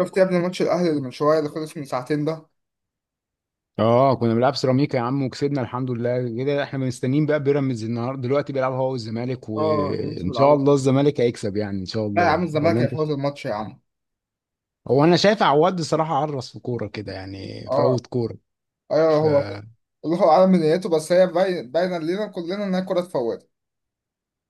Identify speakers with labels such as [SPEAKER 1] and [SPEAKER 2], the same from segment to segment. [SPEAKER 1] شفت يا ابني ماتش الاهلي اللي من شويه اللي خلص من ساعتين ده.
[SPEAKER 2] اه كنا بنلعب سيراميكا يا عم وكسبنا الحمد لله كده. احنا مستنيين بقى بيراميدز النهارده، دلوقتي بيلعب هو والزمالك،
[SPEAKER 1] اه بنسى
[SPEAKER 2] وان شاء
[SPEAKER 1] بيلعبوا.
[SPEAKER 2] الله الزمالك هيكسب، ان شاء
[SPEAKER 1] لا يا عم،
[SPEAKER 2] الله، ولا
[SPEAKER 1] الزمالك
[SPEAKER 2] انت؟
[SPEAKER 1] هيفوز الماتش يا عم.
[SPEAKER 2] هو انا شايف عواد صراحه عرس في كوره كده،
[SPEAKER 1] اه
[SPEAKER 2] فوت كوره.
[SPEAKER 1] ايوه
[SPEAKER 2] ف
[SPEAKER 1] هو. الله اعلم من نيته، بس هي باينه لينا كلنا ان هي كره تفوت.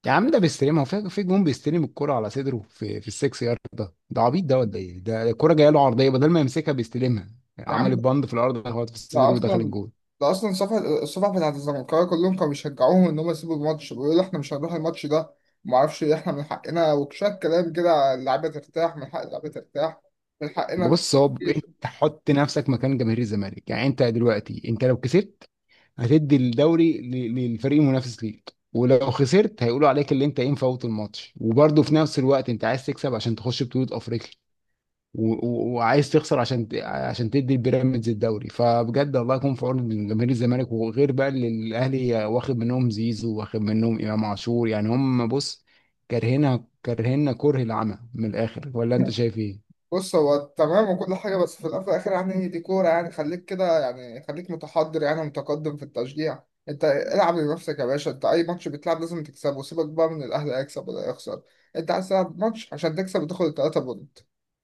[SPEAKER 2] يا عم ده بيستلمها هو في في جون، بيستلم الكوره على صدره في في السكس يارد. ده ده عبيط ده ولا ايه؟ ده الكوره جايه له عرضيه، بدل ما يمسكها بيستلمها،
[SPEAKER 1] يا
[SPEAKER 2] عمل
[SPEAKER 1] عم
[SPEAKER 2] البند في الارض، هو في
[SPEAKER 1] ده
[SPEAKER 2] صدره ودخل
[SPEAKER 1] اصلا
[SPEAKER 2] الجون.
[SPEAKER 1] ده اصلا الصفحه بتاعت الزمالكاويه كلهم كانوا بيشجعوهم ان هم يسيبوا الماتش، بيقولوا احنا مش هنروح الماتش ده وما اعرفش ايه، احنا من حقنا وشويه كلام كده، اللعيبه ترتاح، من حق اللعيبه ترتاح، من حقنا ان
[SPEAKER 2] بص،
[SPEAKER 1] احنا نعيش.
[SPEAKER 2] انت حط نفسك مكان جماهير الزمالك، انت دلوقتي انت لو كسبت هتدي الدوري للفريق المنافس ليك، ولو خسرت هيقولوا عليك اللي انت ايه مفوت الماتش، وبرضه في نفس الوقت انت عايز تكسب عشان تخش بطولة افريقيا و- و- وعايز تخسر عشان تدي البيراميدز الدوري. فبجد الله يكون في عون جماهير الزمالك، وغير بقى اللي الاهلي واخد منهم زيزو واخد منهم امام عاشور، هم بص، كارهنا كره العمى من الاخر، ولا انت شايف ايه؟
[SPEAKER 1] بص، هو تمام وكل حاجة، بس في الأول وفي الآخر يعني دي كورة، يعني خليك كده، يعني خليك متحضر، يعني متقدم في التشجيع. أنت العب لنفسك يا باشا، أنت أي ماتش بتلعب لازم تكسبه، سيبك بقى من الأهلي هيكسب ولا يخسر. أنت عايز تلعب ماتش عشان تكسب وتاخد التلاتة بونت،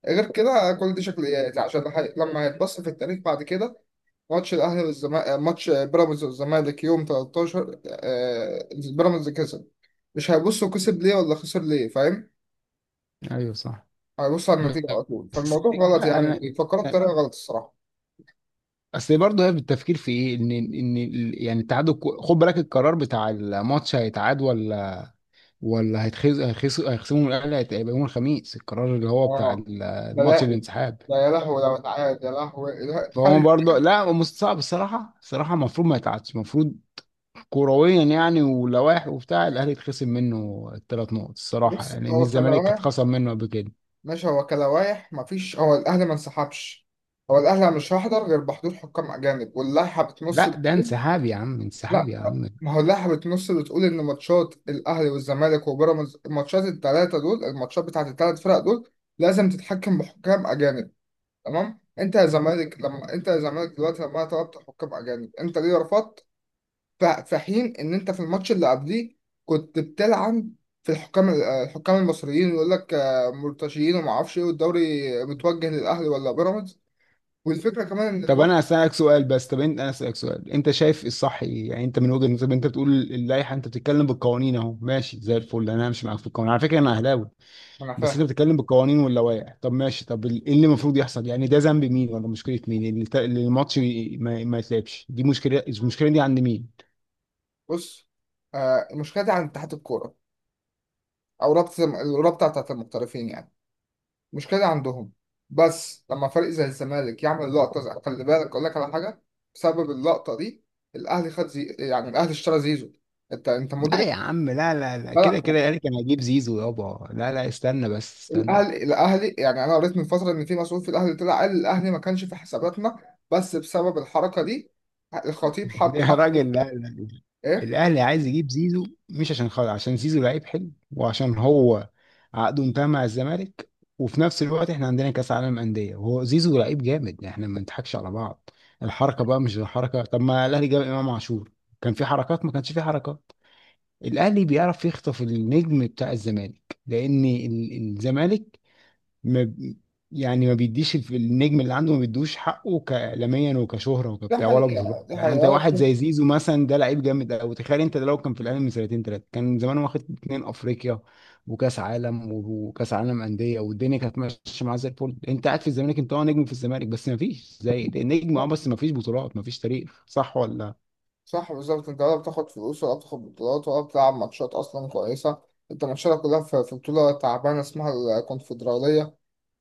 [SPEAKER 1] غير كده كل دي شكليات، عشان لما هيتبص في التاريخ بعد كده، ماتش الأهلي والزمالك، ماتش بيراميدز والزمالك يوم 13، بيراميدز كسب، مش هيبصوا كسب ليه ولا خسر ليه، فاهم؟
[SPEAKER 2] ايوه صح.
[SPEAKER 1] هيبص على النتيجة على طول،
[SPEAKER 2] بس
[SPEAKER 1] فالموضوع غلط،
[SPEAKER 2] لا
[SPEAKER 1] يعني
[SPEAKER 2] انا
[SPEAKER 1] بيفكروا بطريقة غلط الصراحة.
[SPEAKER 2] اصل برضه هي بالتفكير في ايه، يعني التعادل، خد بالك القرار بتاع الماتش هيتعاد ولا، ولا هيتخز هيخس هيخصموا من الاهلي، هيبقى يوم الخميس القرار اللي هو بتاع
[SPEAKER 1] اه. ده
[SPEAKER 2] الماتش،
[SPEAKER 1] لا،
[SPEAKER 2] الانسحاب.
[SPEAKER 1] ده يا لهوي لو اتعاد، يا لهوي لا،
[SPEAKER 2] فهو برضه لا، هو مستصعب الصراحه. المفروض ما يتعادش، المفروض كرويا يعني ولوائح وبتاع، الاهلي يتخصم منه الثلاث نقط الصراحه،
[SPEAKER 1] بص
[SPEAKER 2] يعني ان
[SPEAKER 1] هو
[SPEAKER 2] الزمالك
[SPEAKER 1] كلواح.
[SPEAKER 2] اتخصم منه قبل كده.
[SPEAKER 1] ماشي، هو كلواح، مفيش، هو الأهلي ما انسحبش، هو الأهلي مش هيحضر غير بحضور حكام أجانب، واللائحة بتنص
[SPEAKER 2] لا ده
[SPEAKER 1] بتقول،
[SPEAKER 2] انسحاب يا عم، انسحاب
[SPEAKER 1] لا،
[SPEAKER 2] يا عم.
[SPEAKER 1] ما هو اللائحة بتنص بتقول إن ماتشات الأهلي والزمالك وبيراميدز، الماتشات التلاتة دول، الماتشات بتاعت التلات فرق دول لازم تتحكم بحكام أجانب. تمام، انت يا زمالك لما انت يا زمالك دلوقتي لما طلبت حكام اجانب، انت ليه رفضت؟ في حين ان انت في الماتش اللي قبليه كنت بتلعن في الحكام الحكام المصريين، ويقول لك مرتشيين وما اعرفش ايه، والدوري متوجه للاهلي ولا بيراميدز، والفكره كمان ان
[SPEAKER 2] طب
[SPEAKER 1] الماتش
[SPEAKER 2] انا اسالك سؤال، بس طب انت انا اسالك سؤال، انت شايف الصح ايه يعني؟ انت من وجهه نظرك انت بتقول اللائحه، انت بتتكلم بالقوانين، اهو ماشي زي الفل، انا همشي معاك في القوانين، على فكره انا اهلاوي،
[SPEAKER 1] ما انا
[SPEAKER 2] بس
[SPEAKER 1] فاهم.
[SPEAKER 2] انت بتتكلم بالقوانين واللوائح. طب ماشي، ايه اللي المفروض يحصل يعني؟ ده ذنب مين، ولا مشكله مين اللي الماتش ما يتلعبش؟ دي مشكله، المشكله دي عند مين؟
[SPEAKER 1] بص، المشكله دي عند اتحاد الكوره او رابطه الرابطه بتاعت المحترفين يعني، مشكلة عندهم، بس لما فريق زي الزمالك يعمل خلي بالك أقول لك على حاجة، بسبب اللقطة دي الأهلي يعني الأهلي اشترى زيزو، أنت أنت
[SPEAKER 2] لا يا
[SPEAKER 1] مدرك؟
[SPEAKER 2] عم، لا
[SPEAKER 1] لا
[SPEAKER 2] كده
[SPEAKER 1] لا
[SPEAKER 2] كده، يعني كان هجيب زيزو يابا؟ لا لا، استنى بس استنى.
[SPEAKER 1] الأهلي الأهلي، يعني أنا قريت من فترة إن في مسؤول في الأهلي طلع قال الأهلي ما كانش في حساباتنا، بس بسبب الحركة دي الخطيب حب
[SPEAKER 2] يا
[SPEAKER 1] حب
[SPEAKER 2] راجل لا.
[SPEAKER 1] إيه؟
[SPEAKER 2] الاهلي عايز يجيب زيزو مش عشان خاطر، عشان زيزو لعيب حلو، وعشان هو عقده انتهى مع الزمالك، وفي نفس الوقت احنا عندنا كاس عالم انديه، وهو زيزو لعيب جامد، احنا ما نضحكش على بعض. الحركه بقى مش الحركه، طب ما الاهلي جاب امام عاشور، كان في حركات؟ ما كانش في حركات. الاهلي بيعرف يخطف النجم بتاع الزمالك، لان الزمالك ما ب- يعني ما بيديش النجم اللي عنده، ما بيدوش حقه كاعلاميا وكشهره
[SPEAKER 1] ده
[SPEAKER 2] وكبتاع، ولا بطولات،
[SPEAKER 1] حقيقة، ده
[SPEAKER 2] يعني
[SPEAKER 1] حقيقة
[SPEAKER 2] انت
[SPEAKER 1] ولا
[SPEAKER 2] واحد
[SPEAKER 1] شيء.
[SPEAKER 2] زي زيزو مثلا، ده لعيب جامد قوي، تخيل انت ده لو كان في الاهلي من سنتين ثلاثه، كان زمان واخد اتنين افريقيا وكاس عالم، وكاس عالم انديه، والدنيا كانت ماشيه معاه زي الفل. انت قاعد في الزمالك، انت اه نجم في الزمالك، بس ما فيش زي ده نجم، اه بس ما فيش بطولات، ما فيش تاريخ، صح ولا؟
[SPEAKER 1] صح، بالظبط، أنت ولا بتاخد فلوس ولا بتاخد بطولات ولا بتلعب ماتشات أصلا كويسة، أنت ماتشاتك كلها في بطولة تعبانة اسمها الكونفدرالية.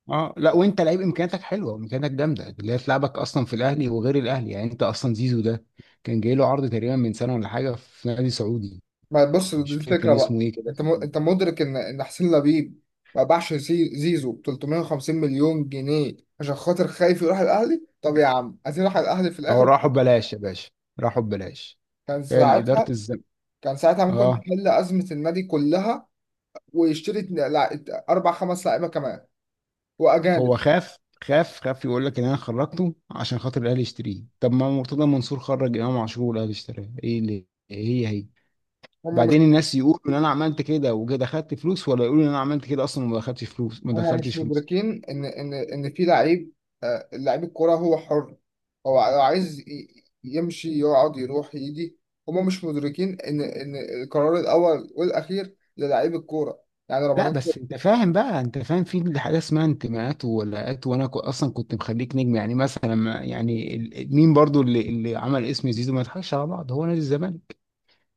[SPEAKER 2] اه لا، وانت لعيب امكانياتك حلوه، وامكانياتك جامده، اللي هي تلعبك اصلا في الاهلي وغير الاهلي، يعني انت اصلا زيزو ده كان جاي له عرض تقريبا من سنه ولا حاجه في نادي سعودي،
[SPEAKER 1] ما بص، دي
[SPEAKER 2] مش فاكر كان
[SPEAKER 1] الفكرة
[SPEAKER 2] اسمه
[SPEAKER 1] بقى،
[SPEAKER 2] ايه كده.
[SPEAKER 1] انت انت مدرك ان ان حسين لبيب ما باعش زيزو ب 350 مليون جنيه عشان خاطر خايف يروح الاهلي، طب يا عم عايز يروح الاهلي في
[SPEAKER 2] هو
[SPEAKER 1] الاخر.
[SPEAKER 2] راحوا ببلاش يا باشا، راحوا ببلاش.
[SPEAKER 1] كان
[SPEAKER 2] هي اداره
[SPEAKER 1] ساعتها،
[SPEAKER 2] الزم
[SPEAKER 1] كان ساعتها ممكن
[SPEAKER 2] اه،
[SPEAKER 1] تحل ازمة النادي كلها ويشتري اربع خمس لعيبة كمان
[SPEAKER 2] هو
[SPEAKER 1] واجانب.
[SPEAKER 2] خاف، خاف يقول لك ان انا خرجته عشان خاطر الاهلي يشتريه، طب ما مرتضى منصور خرج امام عاشور والاهلي اشتراه، ايه اللي إيه، هي؟
[SPEAKER 1] هم مش
[SPEAKER 2] بعدين الناس يقولوا ان انا عملت كده وجا دخلت فلوس، ولا يقولوا ان انا عملت كده اصلا وما دخلتش فلوس؟ ما
[SPEAKER 1] هم مش
[SPEAKER 2] دخلتش فلوس.
[SPEAKER 1] مدركين ان ان ان في لعيب، لعيب الكرة هو حر، هو لو عايز يمشي يقعد يروح يجي. هم مش مدركين ان ان القرار الاول والاخير للعيب الكورة، يعني
[SPEAKER 2] لا
[SPEAKER 1] رمضان.
[SPEAKER 2] بس انت فاهم بقى، انت فاهم في حاجه اسمها انتماءات وولاءات، وانا كو- اصلا كنت مخليك نجم، يعني مثلا مين برضو اللي عمل اسم زيزو، ما يضحكش على بعض، هو نادي الزمالك.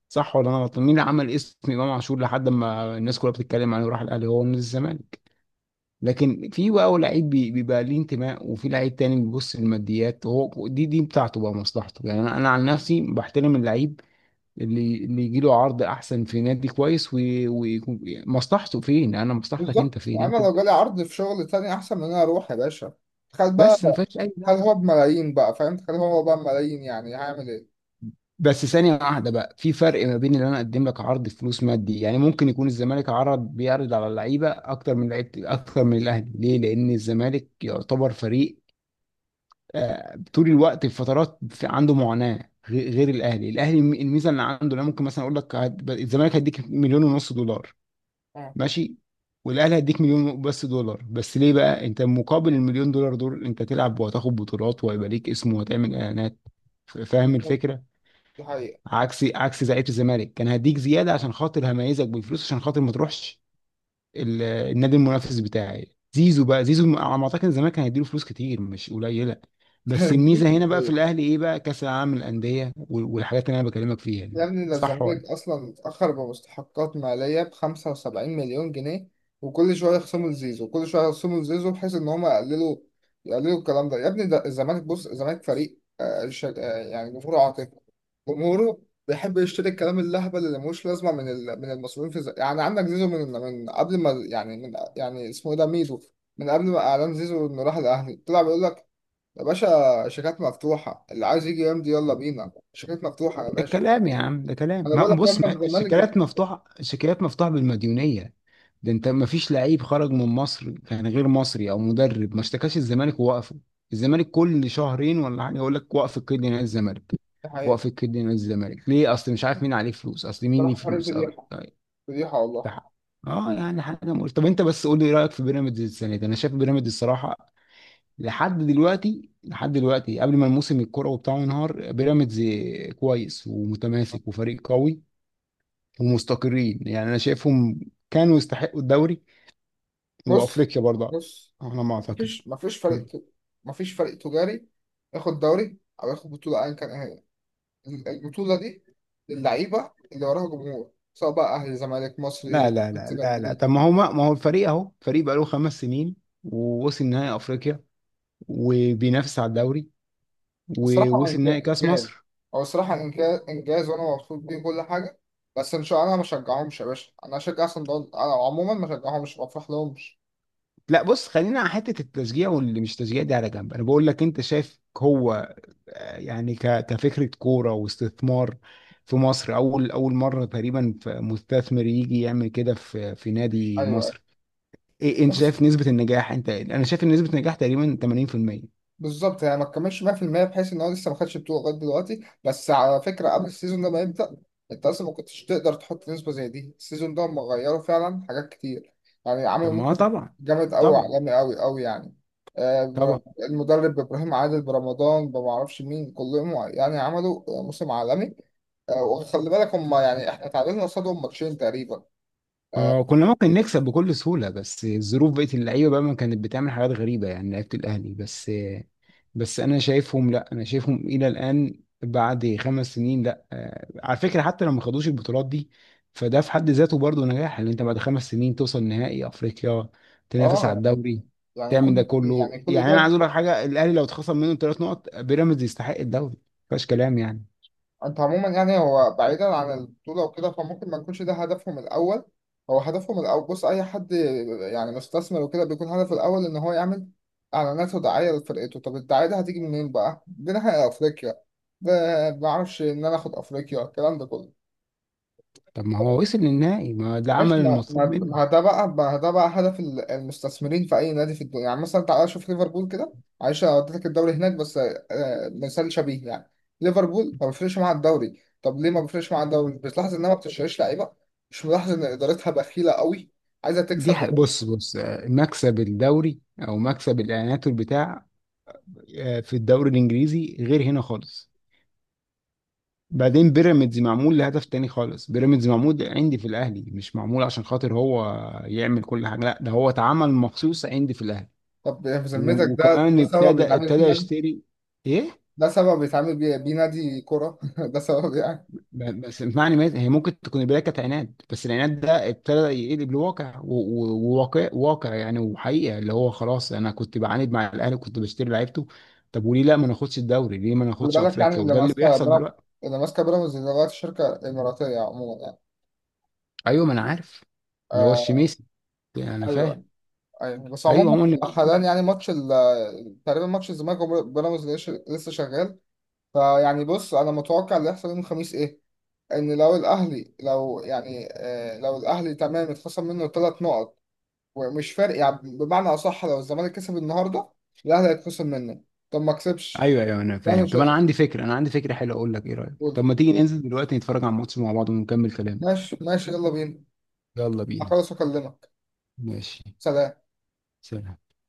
[SPEAKER 2] صح ولا انا غلطان؟ مين اللي عمل اسم امام عاشور لحد ما الناس كلها بتتكلم عليه وراح الاهلي؟ هو نادي الزمالك. لكن في بقى لعيب بيبقى ليه انتماء، وفي لعيب تاني بيبص للماديات، هو دي بتاعته بقى، مصلحته. يعني انا عن نفسي بحترم اللعيب اللي يجي له عرض احسن في نادي كويس ومصلحته فين، انا مصلحتك انت
[SPEAKER 1] بالظبط،
[SPEAKER 2] فين
[SPEAKER 1] انا
[SPEAKER 2] انت،
[SPEAKER 1] لو جالي عرض في شغل تاني احسن من ان انا اروح يا باشا، خد بقى،
[SPEAKER 2] بس ما فيهاش اي
[SPEAKER 1] خد
[SPEAKER 2] لعب.
[SPEAKER 1] هو بملايين بقى فاهم، خد هو بقى بملايين، يعني هعمل ايه؟
[SPEAKER 2] بس ثانيه واحده بقى، في فرق ما بين اللي انا اقدم لك عرض فلوس مادي، يعني ممكن يكون الزمالك بيعرض على اللعيبه اكتر من لعيبه اكتر من الاهلي، ليه؟ لان الزمالك يعتبر فريق طول الوقت في فترات في عنده معاناه غير الاهلي، الميزه اللي عنده انا، ممكن مثلا اقول لك الزمالك هيديك مليون ونص دولار،
[SPEAKER 1] اه،
[SPEAKER 2] ماشي؟ والاهلي هيديك مليون بس دولار، بس ليه بقى؟ انت مقابل المليون دولار دول، انت تلعب وهتاخد بطولات، وهيبقى ليك اسم، وهتعمل اعلانات. فاهم
[SPEAKER 1] بالظبط،
[SPEAKER 2] الفكره؟
[SPEAKER 1] دي حقيقة.
[SPEAKER 2] عكسي عكس زعيمه، الزمالك كان هديك زياده عشان خاطر هميزك بالفلوس عشان خاطر ما تروحش النادي المنافس بتاعي. زيزو بقى، زيزو على ما اعتقد الزمالك كان هيديله فلوس كتير مش قليله، بس الميزه هنا بقى في الاهلي ايه بقى؟ كاس العالم للانديه، والحاجات اللي انا بكلمك فيها
[SPEAKER 1] يا
[SPEAKER 2] دي،
[SPEAKER 1] ابني ده
[SPEAKER 2] صح ولا؟
[SPEAKER 1] الزمالك أصلا اتأخر بمستحقات مالية ب75 مليون جنيه، وكل شوية يخصموا لزيزو وكل شوية يخصموا لزيزو، بحيث إن هما يقللوا، يقللوا الكلام ده. يا ابني ده الزمالك، بص الزمالك فريق يعني جمهوره عاطفي، جمهوره بيحب يشتري الكلام اللهبل اللي ملوش لازمة من من المسؤولين في يعني عندك زيزو من قبل ما يعني من يعني اسمه إيه ده ميدو، من قبل ما إعلان زيزو إنه راح الأهلي، طلع بيقول لك يا باشا شيكات مفتوحة، اللي عايز يجي يمضي يلا بينا، شيكات مفتوحة يا
[SPEAKER 2] ده
[SPEAKER 1] باشا.
[SPEAKER 2] كلام يا عم ده كلام،
[SPEAKER 1] انا بقول
[SPEAKER 2] ما
[SPEAKER 1] لك يا احمد،
[SPEAKER 2] بص، ما
[SPEAKER 1] الزمالك ده،
[SPEAKER 2] الشيكالات مفتوحة، الشيكالات مفتوحة بالمديونية. ده انت ما فيش لعيب خرج من مصر كان غير مصري او مدرب ما اشتكاش الزمالك ووقفه. الزمالك كل شهرين ولا حاجة يقول لك وقف القيد نادي الزمالك،
[SPEAKER 1] ده حقيقة.
[SPEAKER 2] وقف القيد نادي الزمالك، ليه؟ اصل مش عارف مين عليه فلوس، اصل مين ليه
[SPEAKER 1] بصراحه فريق
[SPEAKER 2] فلوس، او
[SPEAKER 1] فضيحه،
[SPEAKER 2] طيب،
[SPEAKER 1] فضيحه والله.
[SPEAKER 2] ده حق. اه، يعني حاجة مقول. طب انت بس قول لي رأيك في بيراميدز السنة دي. انا شايف بيراميدز الصراحة، لحد دلوقتي قبل ما الموسم الكروي بتاعه ينهار، بيراميدز كويس ومتماسك وفريق قوي، ومستقرين، يعني انا شايفهم كانوا يستحقوا الدوري
[SPEAKER 1] بص
[SPEAKER 2] وافريقيا برضه
[SPEAKER 1] بص،
[SPEAKER 2] على ما اعتقد.
[SPEAKER 1] مفيش،
[SPEAKER 2] م.
[SPEAKER 1] مفيش فريق تجاري ياخد دوري او ياخد بطوله ايا كان ايه هي البطوله دي، للعيبه اللي وراها جمهور، سواء بقى اهلي زمالك
[SPEAKER 2] لا
[SPEAKER 1] مصري
[SPEAKER 2] لا لا لا لا
[SPEAKER 1] اسكندري.
[SPEAKER 2] طب ما هو ما ما هو الفريق اهو، فريق بقاله خمس سنين، ووصل نهائي افريقيا، وبينافس على الدوري،
[SPEAKER 1] الصراحه هو
[SPEAKER 2] ووصل نهائي كاس
[SPEAKER 1] انجاز،
[SPEAKER 2] مصر.
[SPEAKER 1] هو الصراحه إنجاز، انجاز، وانا مبسوط بيه كل حاجه، بس ان شاء الله انا ما بشجعهمش يا باشا، انا هشجع صن داونز، انا عموما ما بشجعهمش ما بفرحلهمش.
[SPEAKER 2] لا بص، خلينا على حته التشجيع واللي مش تشجيع دي على جنب، انا بقول لك انت شايف هو يعني كفكرة كورة واستثمار في مصر، أول مرة تقريبا مستثمر يجي يعمل كده في نادي مصري،
[SPEAKER 1] ايوه.
[SPEAKER 2] إيه؟ أنت
[SPEAKER 1] أيوة.
[SPEAKER 2] شايف نسبة النجاح؟ أنت أنا شايف إن نسبة النجاح تقريبا 80%.
[SPEAKER 1] بالظبط، يعني ما تكملش 100%، بحيث ان هو لسه ما خدش بطوله لغايه دلوقتي، بس على فكره قبل السيزون ده ما يبدا انت اصلا ما كنتش تقدر تحط نسبه زي دي، السيزون ده هم غيروا فعلا حاجات كتير، يعني
[SPEAKER 2] طب
[SPEAKER 1] عملوا
[SPEAKER 2] ما هو
[SPEAKER 1] موسم
[SPEAKER 2] طبعا،
[SPEAKER 1] جامد قوي
[SPEAKER 2] طبعا
[SPEAKER 1] عالمي قوي قوي يعني.
[SPEAKER 2] طبعا.
[SPEAKER 1] المدرب ابراهيم عادل برمضان ما اعرفش مين كلهم، يعني عملوا موسم عالمي. وخلي بالك هم، يعني احنا تعادلنا قصادهم ماتشين تقريبا.
[SPEAKER 2] اه كنا ممكن نكسب بكل سهولة، بس الظروف بقت، اللعيبة بقى ما كانت بتعمل حاجات غريبة، يعني لعيبة الأهلي بس. بس أنا شايفهم، لا أنا شايفهم إلى الآن بعد خمس سنين، لا آه، على فكرة حتى لو ما خدوش البطولات دي، فده في حد ذاته برضه نجاح، إن أنت بعد خمس سنين توصل نهائي أفريقيا، تنافس على
[SPEAKER 1] اه يعني،
[SPEAKER 2] الدوري،
[SPEAKER 1] يعني
[SPEAKER 2] تعمل ده
[SPEAKER 1] كل يعني
[SPEAKER 2] كله،
[SPEAKER 1] كل
[SPEAKER 2] يعني أنا
[SPEAKER 1] ده
[SPEAKER 2] عايز أقول لك حاجة، الأهلي لو اتخصم منه ثلاث نقط بيراميدز يستحق الدوري، ما فيهاش كلام يعني.
[SPEAKER 1] انت عموما، يعني هو بعيدا عن البطولة وكده فممكن ما يكونش ده هدفهم الأول، هو هدفهم الأول، بص أي حد يعني مستثمر وكده بيكون هدفه الأول إن هو يعمل إعلانات ودعاية لفرقته. طب الدعاية دي هتيجي منين بقى؟ دي ناحية أفريقيا، بعرفش إن أنا آخد أفريقيا الكلام ده كله.
[SPEAKER 2] طب ما هو وصل للنهائي، ما ده عمل
[SPEAKER 1] ماشي، ما
[SPEAKER 2] المطلوب
[SPEAKER 1] ما
[SPEAKER 2] منه.
[SPEAKER 1] ما ده بقى ما ده بقى هدف المستثمرين في اي نادي في الدنيا، يعني مثلا تعالى شوف ليفربول كده، معلش انا وديتك الدوري هناك بس مثال شبيه يعني، ليفربول ما بيفرقش معاها الدوري، طب ليه ما بيفرقش معاها الدوري؟ مش بتلاحظ انها ما بتشتريش لعيبه؟ مش ملاحظ ان ادارتها بخيله قوي، عايزه
[SPEAKER 2] دي
[SPEAKER 1] تكسب وبس.
[SPEAKER 2] بص، مكسب الدوري او مكسب الاعلانات والبتاع، آه، في الدوري الانجليزي غير هنا خالص. بعدين بيراميدز معمول لهدف تاني خالص، بيراميدز معمول عندي في الاهلي، مش معمول عشان خاطر هو يعمل كل حاجه، لا ده هو اتعمل مخصوص عندي في الاهلي.
[SPEAKER 1] طب يعني في ذمتك ده
[SPEAKER 2] وكمان
[SPEAKER 1] ده سبب
[SPEAKER 2] ابتدى
[SPEAKER 1] بيتعامل
[SPEAKER 2] ابتدى
[SPEAKER 1] فيه نادي،
[SPEAKER 2] يشتري، ايه،
[SPEAKER 1] ده سبب بيتعامل بيه نادي كوره؟ ده سبب يعني.
[SPEAKER 2] بس معنى، ما هي ممكن تكون البدايه كانت عناد، بس العناد ده ابتدى يقلب لواقع و- و- وواقع، واقع، يعني وحقيقه اللي هو خلاص، انا كنت بعاند مع الاهلي وكنت بشتري لعيبته، طب وليه لا، ما ناخدش الدوري، ليه ما
[SPEAKER 1] خلي
[SPEAKER 2] ناخدش
[SPEAKER 1] بالك، يعني
[SPEAKER 2] افريقيا، وده اللي بيحصل دلوقتي.
[SPEAKER 1] اللي ماسكه بيراميدز دلوقتي شركه اماراتيه عموما يعني.
[SPEAKER 2] ايوه ما انا عارف، اللي هو
[SPEAKER 1] آه،
[SPEAKER 2] الشميسي، يعني انا فاهم.
[SPEAKER 1] ايوه ايوه بس
[SPEAKER 2] ايوه
[SPEAKER 1] عموما
[SPEAKER 2] هم اللي
[SPEAKER 1] حاليا،
[SPEAKER 2] ماسكين.
[SPEAKER 1] يعني ماتش تقريبا ماتش الزمالك وبيراميدز لسه شغال. فيعني بص، انا متوقع اللي هيحصل يوم الخميس ايه؟ ان لو الاهلي، لو يعني لو الاهلي تمام اتخصم منه ثلاث نقط ومش فارق، يعني بمعنى اصح لو الزمالك كسب النهارده الاهلي هيتخصم منه، طب ما كسبش
[SPEAKER 2] ايوه، انا
[SPEAKER 1] الاهلي،
[SPEAKER 2] فاهم.
[SPEAKER 1] مش
[SPEAKER 2] طب انا
[SPEAKER 1] هيتخصم.
[SPEAKER 2] عندي فكره، حلوه، اقول لك ايه رايك، طب ما تيجي ننزل دلوقتي نتفرج على الماتش مع بعض ونكمل كلام.
[SPEAKER 1] ماشي يلا بينا،
[SPEAKER 2] يلا بينا.
[SPEAKER 1] هخلص واكلمك.
[SPEAKER 2] ماشي.
[SPEAKER 1] سلام.
[SPEAKER 2] سلام.